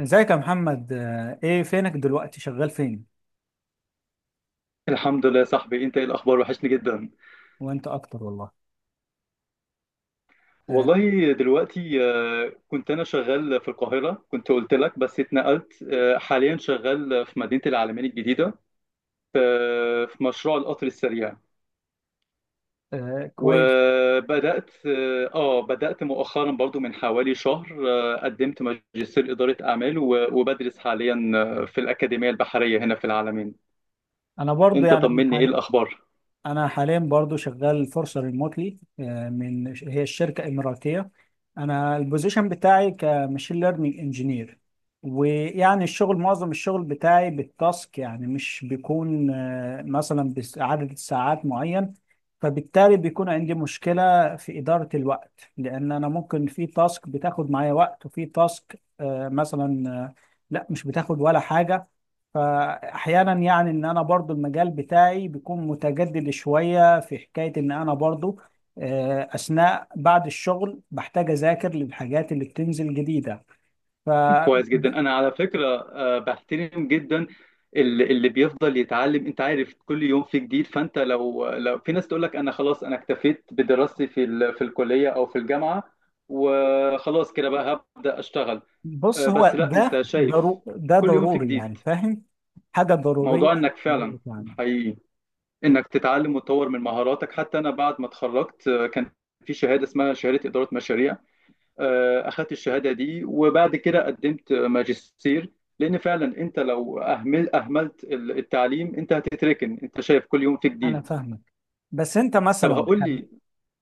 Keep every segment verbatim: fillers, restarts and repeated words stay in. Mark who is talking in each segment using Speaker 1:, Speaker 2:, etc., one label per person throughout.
Speaker 1: ازيك يا محمد، آه، ايه فينك دلوقتي؟ شغال فين؟
Speaker 2: الحمد لله يا صاحبي، انت ايه الاخبار؟ وحشني جدا.
Speaker 1: وانت اكتر والله. آه.
Speaker 2: والله دلوقتي، آه، كنت انا شغال في القاهره، كنت قلت لك بس اتنقلت، آه، حاليا شغال في مدينه العلمين الجديده. آه، في مشروع القطر السريع.
Speaker 1: آه، كويس.
Speaker 2: وبدات اه آه، بدات مؤخرا برضو من حوالي شهر. آه، قدمت ماجستير اداره اعمال، و- وبدرس حاليا آه، في الاكاديميه البحريه هنا في العلمين.
Speaker 1: انا برضو
Speaker 2: انت
Speaker 1: يعني انا
Speaker 2: طمني، ايه
Speaker 1: حاليا،
Speaker 2: الاخبار؟
Speaker 1: انا حاليا برضو شغال فرصه ريموتلي. من هي الشركه؟ اماراتيه. انا البوزيشن بتاعي كماشين ليرنينج انجينير. ويعني الشغل، معظم الشغل بتاعي بالتاسك، يعني مش بيكون آه، مثلا بعدد ساعات معين. فبالتالي بيكون عندي مشكله في اداره الوقت، لان انا ممكن في تاسك بتاخد معايا وقت، وفي تاسك آه، مثلا آه، لا مش بتاخد ولا حاجه. فاحيانا يعني ان انا برضو، المجال بتاعي بيكون متجدد شوية، في حكاية ان انا برضو آه، اثناء بعد الشغل بحتاج اذاكر للحاجات اللي بتنزل جديدة. ف
Speaker 2: كويس جدا.
Speaker 1: د-
Speaker 2: انا على فكره آه، بحترم جدا ال- اللي بيفضل يتعلم. انت عارف كل يوم في جديد، فانت لو لو في ناس تقول لك انا خلاص، انا اكتفيت بدراستي في ال- في الكليه او في الجامعه، وخلاص كده بقى هبدا اشتغل.
Speaker 1: بص،
Speaker 2: آه، بس
Speaker 1: هو
Speaker 2: لا،
Speaker 1: ده
Speaker 2: انت شايف
Speaker 1: ضرو ده
Speaker 2: كل يوم في
Speaker 1: ضروري،
Speaker 2: جديد.
Speaker 1: يعني فاهم. حاجة ضرورية.
Speaker 2: موضوع انك فعلا
Speaker 1: يعني
Speaker 2: حقيقي انك تتعلم وتطور من مهاراتك. حتى انا بعد ما اتخرجت، آه، كان في شهاده اسمها شهاده اداره مشاريع. آه، اخدت الشهاده دي وبعد كده قدمت ماجستير. لان فعلا انت لو اهمل اهملت التعليم انت هتتركن. انت شايف كل يوم في
Speaker 1: انا
Speaker 2: جديد.
Speaker 1: فاهمك. بس انت
Speaker 2: طب
Speaker 1: مثلا
Speaker 2: هقول
Speaker 1: ح-
Speaker 2: لي،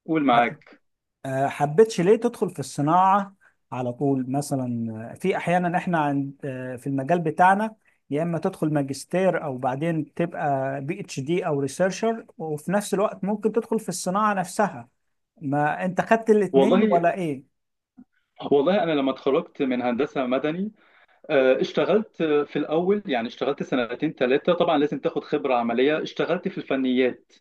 Speaker 2: قول،
Speaker 1: ح-
Speaker 2: معاك.
Speaker 1: آه، حبيتش ليه تدخل في الصناعة على طول مثلا؟ آه، في أحيانا إحنا عند، آه، في المجال بتاعنا يا إما تدخل ماجستير، أو بعدين تبقى بي اتش دي أو ريسيرشر، وفي نفس الوقت ممكن تدخل في الصناعة نفسها. ما أنت خدت الاتنين
Speaker 2: والله،
Speaker 1: ولا إيه؟
Speaker 2: والله انا لما اتخرجت من هندسه مدني آه، اشتغلت في الاول، يعني اشتغلت سنتين ثلاثه، طبعا لازم تاخد خبره عمليه. اشتغلت في الفنيات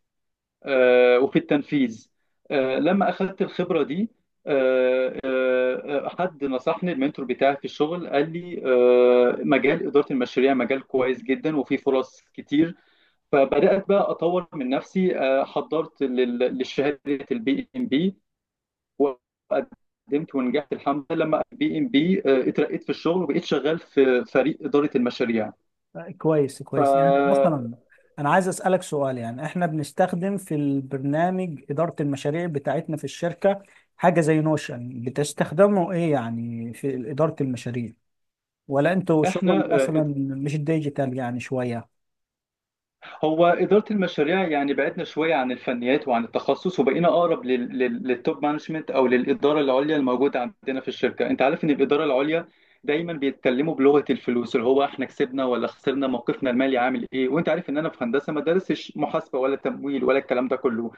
Speaker 2: آه، وفي التنفيذ. آه، لما اخذت الخبره دي، آه، آه، آه، حد نصحني، المنتور بتاعي في الشغل، قال لي آه، مجال اداره المشاريع مجال كويس جدا وفيه فرص كتير. فبدات بقى اطور من نفسي. آه، حضرت لل- لشهاده البي ام بي وقدمت ونجحت الحمد لله. لما بي ام بي اترقيت في الشغل وبقيت شغال في فريق اداره المشاريع.
Speaker 1: آه، كويس كويس. يعني
Speaker 2: فاحنا
Speaker 1: مثلا أنا عايز أسألك سؤال، يعني إحنا بنستخدم في البرنامج إدارة المشاريع بتاعتنا في الشركة حاجة زي نوشن، بتستخدمه إيه يعني في إدارة المشاريع؟ ولا انتوا شغل مثلا
Speaker 2: آه،
Speaker 1: مش ديجيتال يعني شوية؟
Speaker 2: هو إدارة المشاريع يعني بعدنا شوية عن الفنيات وعن التخصص، وبقينا أقرب لل... لل... للتوب مانجمنت، أو للإدارة العليا الموجودة عندنا في الشركة. أنت عارف إن الإدارة العليا دايما بيتكلموا بلغة الفلوس، اللي هو إحنا كسبنا ولا خسرنا، موقفنا المالي عامل إيه. وأنت عارف إن أنا في هندسة ما دارسش محاسبة ولا تمويل ولا الكلام ده كله،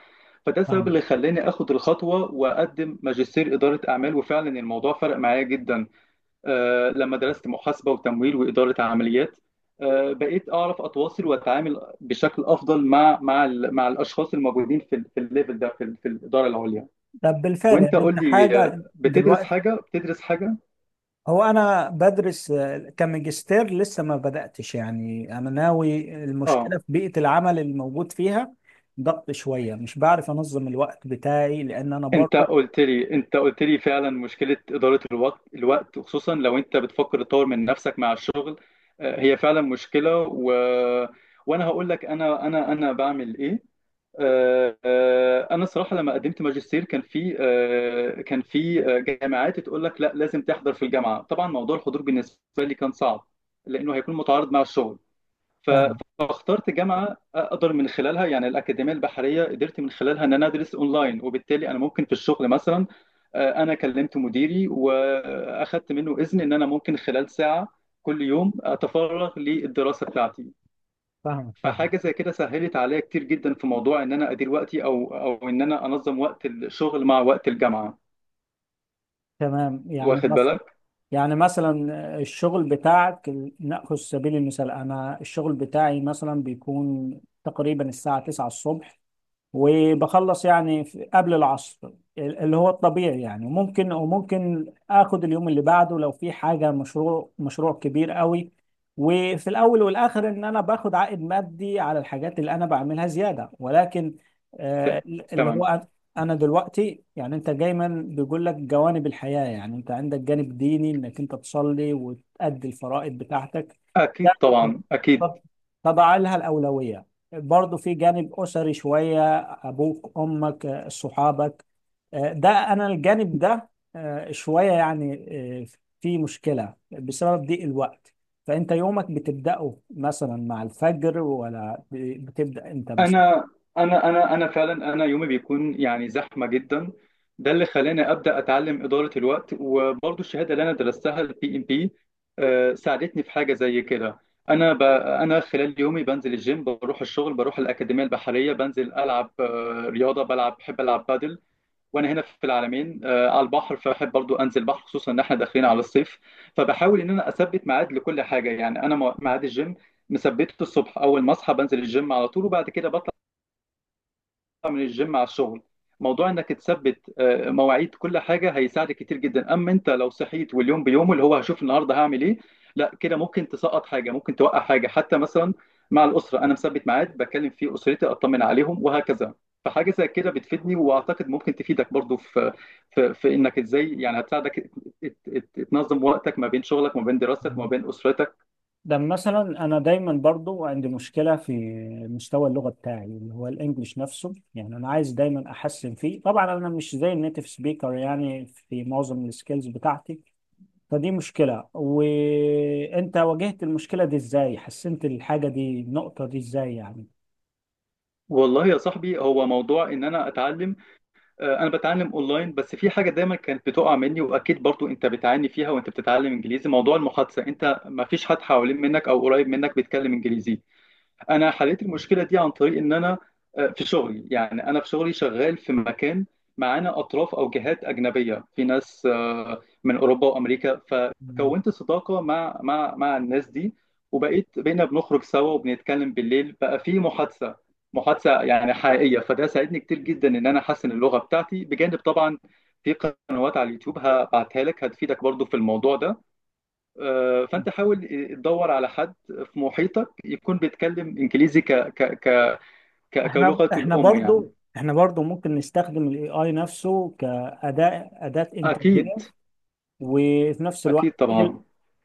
Speaker 2: فده السبب
Speaker 1: فاهمك.
Speaker 2: اللي خلاني آخد الخطوة وأقدم ماجستير إدارة أعمال. وفعلا الموضوع فرق معايا جدا. آه، لما درست محاسبة وتمويل وإدارة عمليات، آه، بقيت أعرف أتواصل وأتعامل بشكل أفضل مع مع ال- مع الأشخاص الموجودين في ال- في الليفل ده، في ال- في الإدارة العليا.
Speaker 1: طب بالفعل
Speaker 2: وأنت
Speaker 1: يعني
Speaker 2: قول
Speaker 1: انت
Speaker 2: لي، آه،
Speaker 1: حاجة
Speaker 2: بتدرس
Speaker 1: دلوقتي؟
Speaker 2: حاجة بتدرس حاجة
Speaker 1: هو انا بدرس آه، كماجستير، لسه ما بدأتش يعني، انا ناوي. المشكلة
Speaker 2: أه.
Speaker 1: في بيئة العمل الموجود فيها ضغط شوية، مش بعرف انظم الوقت بتاعي، لان انا
Speaker 2: أنت
Speaker 1: برضو.
Speaker 2: قلت لي أنت قلت لي فعلا مشكلة إدارة الوقت الوقت، خصوصا لو أنت بتفكر تطور من نفسك مع الشغل. آه، هي فعلا مشكلة و... وأنا هقول لك أنا أنا أنا بعمل إيه. آه، آه، انا صراحه لما قدمت ماجستير كان في آه، كان في آه، جامعات تقول لك لا، لازم تحضر في الجامعه. طبعا موضوع الحضور بالنسبه لي كان صعب، لانه هيكون متعارض مع الشغل. ف-
Speaker 1: فاهم.
Speaker 2: فاخترت جامعه اقدر من خلالها، يعني الاكاديميه البحريه قدرت من خلالها ان انا ادرس اونلاين، وبالتالي انا ممكن في الشغل مثلا، آه، انا كلمت مديري واخدت منه اذن ان انا ممكن خلال ساعه كل يوم اتفرغ للدراسه بتاعتي.
Speaker 1: فاهمك. فاهم.
Speaker 2: فحاجه زي كده سهلت عليا كتير جدا في موضوع ان انا ادير وقتي، او او ان انا انظم وقت الشغل مع وقت الجامعه.
Speaker 1: تمام. يعني
Speaker 2: واخد
Speaker 1: مثلا،
Speaker 2: بالك؟
Speaker 1: يعني مثلا آه، الشغل بتاعك، نأخذ سبيل المثال. انا الشغل بتاعي مثلا بيكون تقريبا الساعة تسعة الصبح، وبخلص يعني في- قبل العصر، ال- اللي هو الطبيعي. يعني ممكن، وممكن اخد اليوم اللي بعده لو في حاجة مشروع، مشروع كبير قوي. وفي الاول والاخر ان انا باخد عائد مادي على الحاجات اللي انا بعملها زيادة، ولكن آه،
Speaker 2: ت-
Speaker 1: اللي هو
Speaker 2: تمام.
Speaker 1: أنا، أنا دلوقتي، يعني انت دايما بيقول لك جوانب الحياة. يعني انت عندك جانب ديني انك انت تصلي وتأدي الفرائض بتاعتك، ده.
Speaker 2: اكيد طبعا، اكيد.
Speaker 1: طب طب على لها الأولوية. برضه في جانب أسري شوية، ابوك، امك، صحابك، ده انا الجانب ده آه، شويه يعني. آه، في مشكله بسبب ضيق الوقت. فانت يومك بتبداه مثلا مع الفجر، ولا ب- بتبدا امتى مثلا؟
Speaker 2: انا انا انا انا فعلا انا يومي بيكون يعني زحمه جدا. ده اللي خلاني ابدا اتعلم اداره الوقت، وبرضو الشهاده اللي انا درستها البي ام بي ساعدتني في حاجه زي كده. انا ب... انا خلال يومي بنزل الجيم، بروح الشغل، بروح الاكاديميه البحريه، بنزل العب آه، رياضه، بلعب، بحب العب بادل. وانا هنا في العلمين آه، على البحر، فبحب برضو انزل بحر، خصوصا ان احنا داخلين على الصيف. فبحاول ان انا اثبت ميعاد لكل حاجه، يعني انا مو- ميعاد الجيم مثبته الصبح، اول ما اصحى بنزل الجيم على طول، وبعد كده من الجيم على الشغل. موضوع انك تثبت آه، مواعيد كل حاجه هيساعدك كتير جدا، اما انت لو صحيت واليوم بيومه، اللي هو هشوف النهارده هعمل ايه، لا، كده ممكن تسقط حاجه، ممكن توقع حاجه. حتى مثلا مع الاسره انا مثبت ميعاد بكلم فيه اسرتي، اطمن عليهم، وهكذا. فحاجه زي كده بتفيدني، واعتقد ممكن تفيدك برضو في في, في انك ازاي، يعني هتساعدك ت- ت- تنظم وقتك ما بين شغلك، ما بين دراستك، ما بين اسرتك.
Speaker 1: ده مثلا انا دايما برضو عندي مشكله في مستوى اللغه بتاعي، اللي هو الانجليش نفسه، يعني انا عايز دايما احسن فيه. طبعا انا مش زي النيتيف سبيكر يعني في معظم السكيلز بتاعتي، فدي مشكلة. وانت واجهت المشكلة دي ازاي؟ حسنت الحاجة دي، النقطة دي، ازاي يعني؟
Speaker 2: والله يا صاحبي، هو موضوع ان انا اتعلم آه، انا بتعلم اونلاين، بس في حاجه دايما كانت بتقع مني، واكيد برضو انت بتعاني فيها وانت بتتعلم انجليزي، موضوع المحادثه. انت ما فيش حد حوالين منك او قريب منك بيتكلم انجليزي. انا حليت المشكله دي عن طريق ان انا آه، في شغلي، يعني انا في شغلي شغال في مكان معانا اطراف او جهات اجنبيه، في ناس آه، من اوروبا وامريكا،
Speaker 1: مم.
Speaker 2: فكونت صداقه مع مع مع الناس دي. وبقيت بقينا بنخرج سوا وبنتكلم بالليل، بقى في محادثه، محادثه يعني حقيقيه. فده ساعدني كتير جدا ان انا احسن اللغه بتاعتي، بجانب طبعا في قنوات على اليوتيوب هبعتها لك، هتفيدك برضو في الموضوع ده. آه، فانت حاول تدور على حد في محيطك يكون بيتكلم انجليزي ك ك ك ك-
Speaker 1: احنا
Speaker 2: كلغته
Speaker 1: احنا
Speaker 2: الام يعني.
Speaker 1: برضو احنا برضو ممكن نستخدم الاي اي نفسه كأداة، أداة
Speaker 2: اكيد،
Speaker 1: إنتاجية. وفي نفس الوقت
Speaker 2: اكيد
Speaker 1: ايه
Speaker 2: طبعا.
Speaker 1: ال-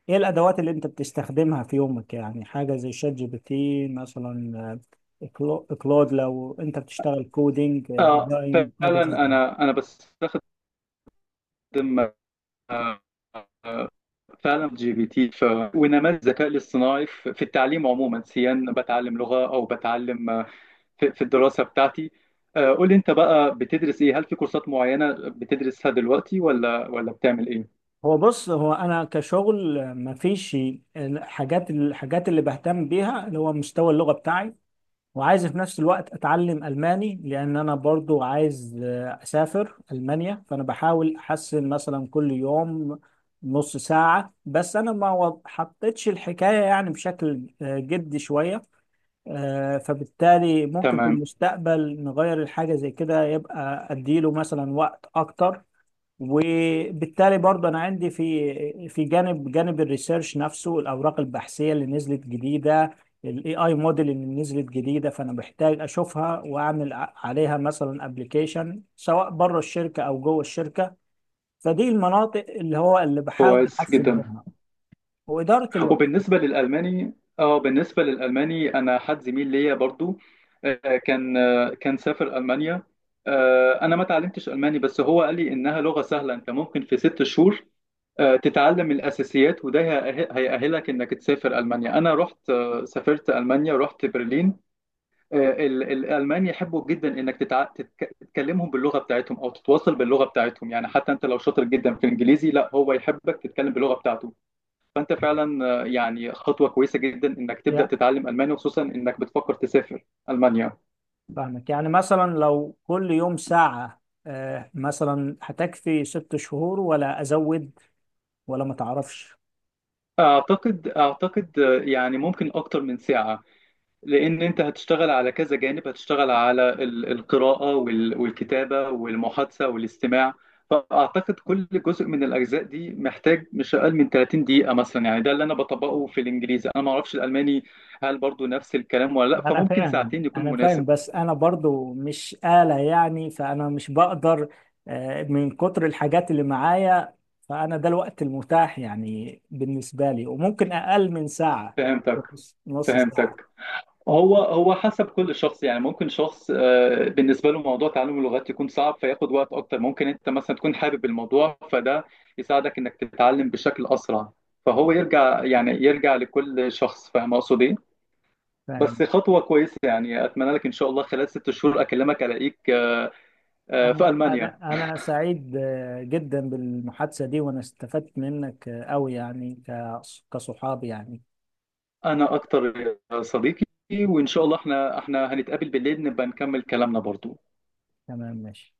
Speaker 1: إيه الأدوات اللي أنت بتستخدمها في يومك؟ يعني حاجة زي شات جي بي تي مثلا، آه، كلو- كلود لو أنت بتشتغل كودينج، آه،
Speaker 2: آه،
Speaker 1: ديزاين، حاجة
Speaker 2: فعلا
Speaker 1: زي كده.
Speaker 2: انا انا بستخدم، آه، آه، فعلا جي بي تي ف... ونماذج الذكاء الاصطناعي في في التعليم عموما، سيان بتعلم لغة او بتعلم، آه، في في الدراسة بتاعتي. آه، قول لي انت بقى بتدرس ايه، هل في كورسات معينة بتدرسها دلوقتي ولا ولا بتعمل ايه؟
Speaker 1: هو بص، هو انا كشغل مفيش. الحاجات الحاجات اللي بهتم بيها اللي هو مستوى اللغه بتاعي، وعايز في نفس الوقت اتعلم الماني، لان انا برضو عايز آه، اسافر المانيا. فانا بحاول احسن مثلا كل يوم نص ساعه، بس انا ما و- حطيتش الحكايه يعني بشكل آه، جدي شويه. آه، فبالتالي ممكن في
Speaker 2: تمام.
Speaker 1: المستقبل نغير الحاجه زي كده، يبقى اديله مثلا وقت اكتر. وبالتالي برضه انا عندي في في جانب جانب الريسيرش نفسه، الاوراق البحثيه اللي نزلت جديده، الاي اي موديل اللي نزلت جديده، فانا بحتاج اشوفها واعمل ع- عليها مثلا ابلكيشن، سواء بره الشركه او جوه الشركه. فدي المناطق اللي هو اللي بحاول
Speaker 2: كويس
Speaker 1: احسن
Speaker 2: جدا.
Speaker 1: منها، واداره الوقت.
Speaker 2: وبالنسبة للألماني اه بالنسبة للألماني، أنا حد زميل ليا برضو، آه، كان آه، كان سافر ألمانيا. آه، أنا ما تعلمتش ألماني، بس هو قال لي إنها لغة سهلة، أنت ممكن في ست شهور آه، تتعلم الأساسيات، وده هيأه- هيأهلك إنك تسافر ألمانيا. أنا رحت آه، سافرت ألمانيا، رحت برلين. آه، ال- الألمان يحبوا جدا إنك تتع... تتك... تتكلمهم باللغة بتاعتهم أو تتواصل باللغة بتاعتهم، يعني حتى أنت لو شاطر جدا في الإنجليزي، لا، هو يحبك تتكلم باللغة بتاعته. فانت فعلا، آه، يعني خطوه كويسه جدا انك تبدا
Speaker 1: يا
Speaker 2: تتعلم الماني، وخصوصا انك بتفكر تسافر المانيا.
Speaker 1: فاهمك. يعني مثلا لو كل يوم ساعه آه، مثلا، هتكفي ست شهور ولا ازود، ولا ما تعرفش؟
Speaker 2: اعتقد اعتقد آه، يعني ممكن اكتر من ساعه، لان انت هتشتغل على كذا جانب، هتشتغل على ال- القراءه وال- والكتابه والمحادثه والاستماع. فاعتقد كل جزء من الاجزاء دي محتاج مش اقل من ثلاثين دقيقه مثلا، يعني ده اللي انا بطبقه في الانجليزي. انا ما اعرفش الالماني، هل برضو نفس الكلام ولا لا،
Speaker 1: انا
Speaker 2: فممكن
Speaker 1: فاهم،
Speaker 2: ساعتين يكون
Speaker 1: انا فاهم،
Speaker 2: مناسب.
Speaker 1: بس انا برضو مش آلة يعني، فانا مش بقدر آه، من كتر الحاجات اللي معايا. فانا ده الوقت المتاح يعني بالنسبة لي، وممكن اقل من ساعة،
Speaker 2: فهمتك،
Speaker 1: نص نص ساعة.
Speaker 2: فهمتك. هو هو حسب كل شخص، يعني ممكن شخص آه، بالنسبه له موضوع تعلم اللغات يكون صعب فياخد وقت اكتر، ممكن انت مثلا تكون حابب الموضوع فده يساعدك انك تتعلم بشكل اسرع. فهو يرجع يعني يرجع لكل شخص، فاهم اقصد ايه. بس
Speaker 1: فاهم.
Speaker 2: خطوه كويسه، يعني اتمنى لك ان شاء الله خلال ست شهور اكلمك الاقيك آه، آه، في
Speaker 1: انا
Speaker 2: المانيا.
Speaker 1: انا انا سعيد آه، جدا بالمحادثة دي، وانا استفدت منك آه، قوي، يعني ك- كصحاب يعني.
Speaker 2: انا اكتر يا صديقي. وان شاء الله احنا احنا هنتقابل بالليل، نبقى نكمل كلامنا برضو.
Speaker 1: تمام، ماشي.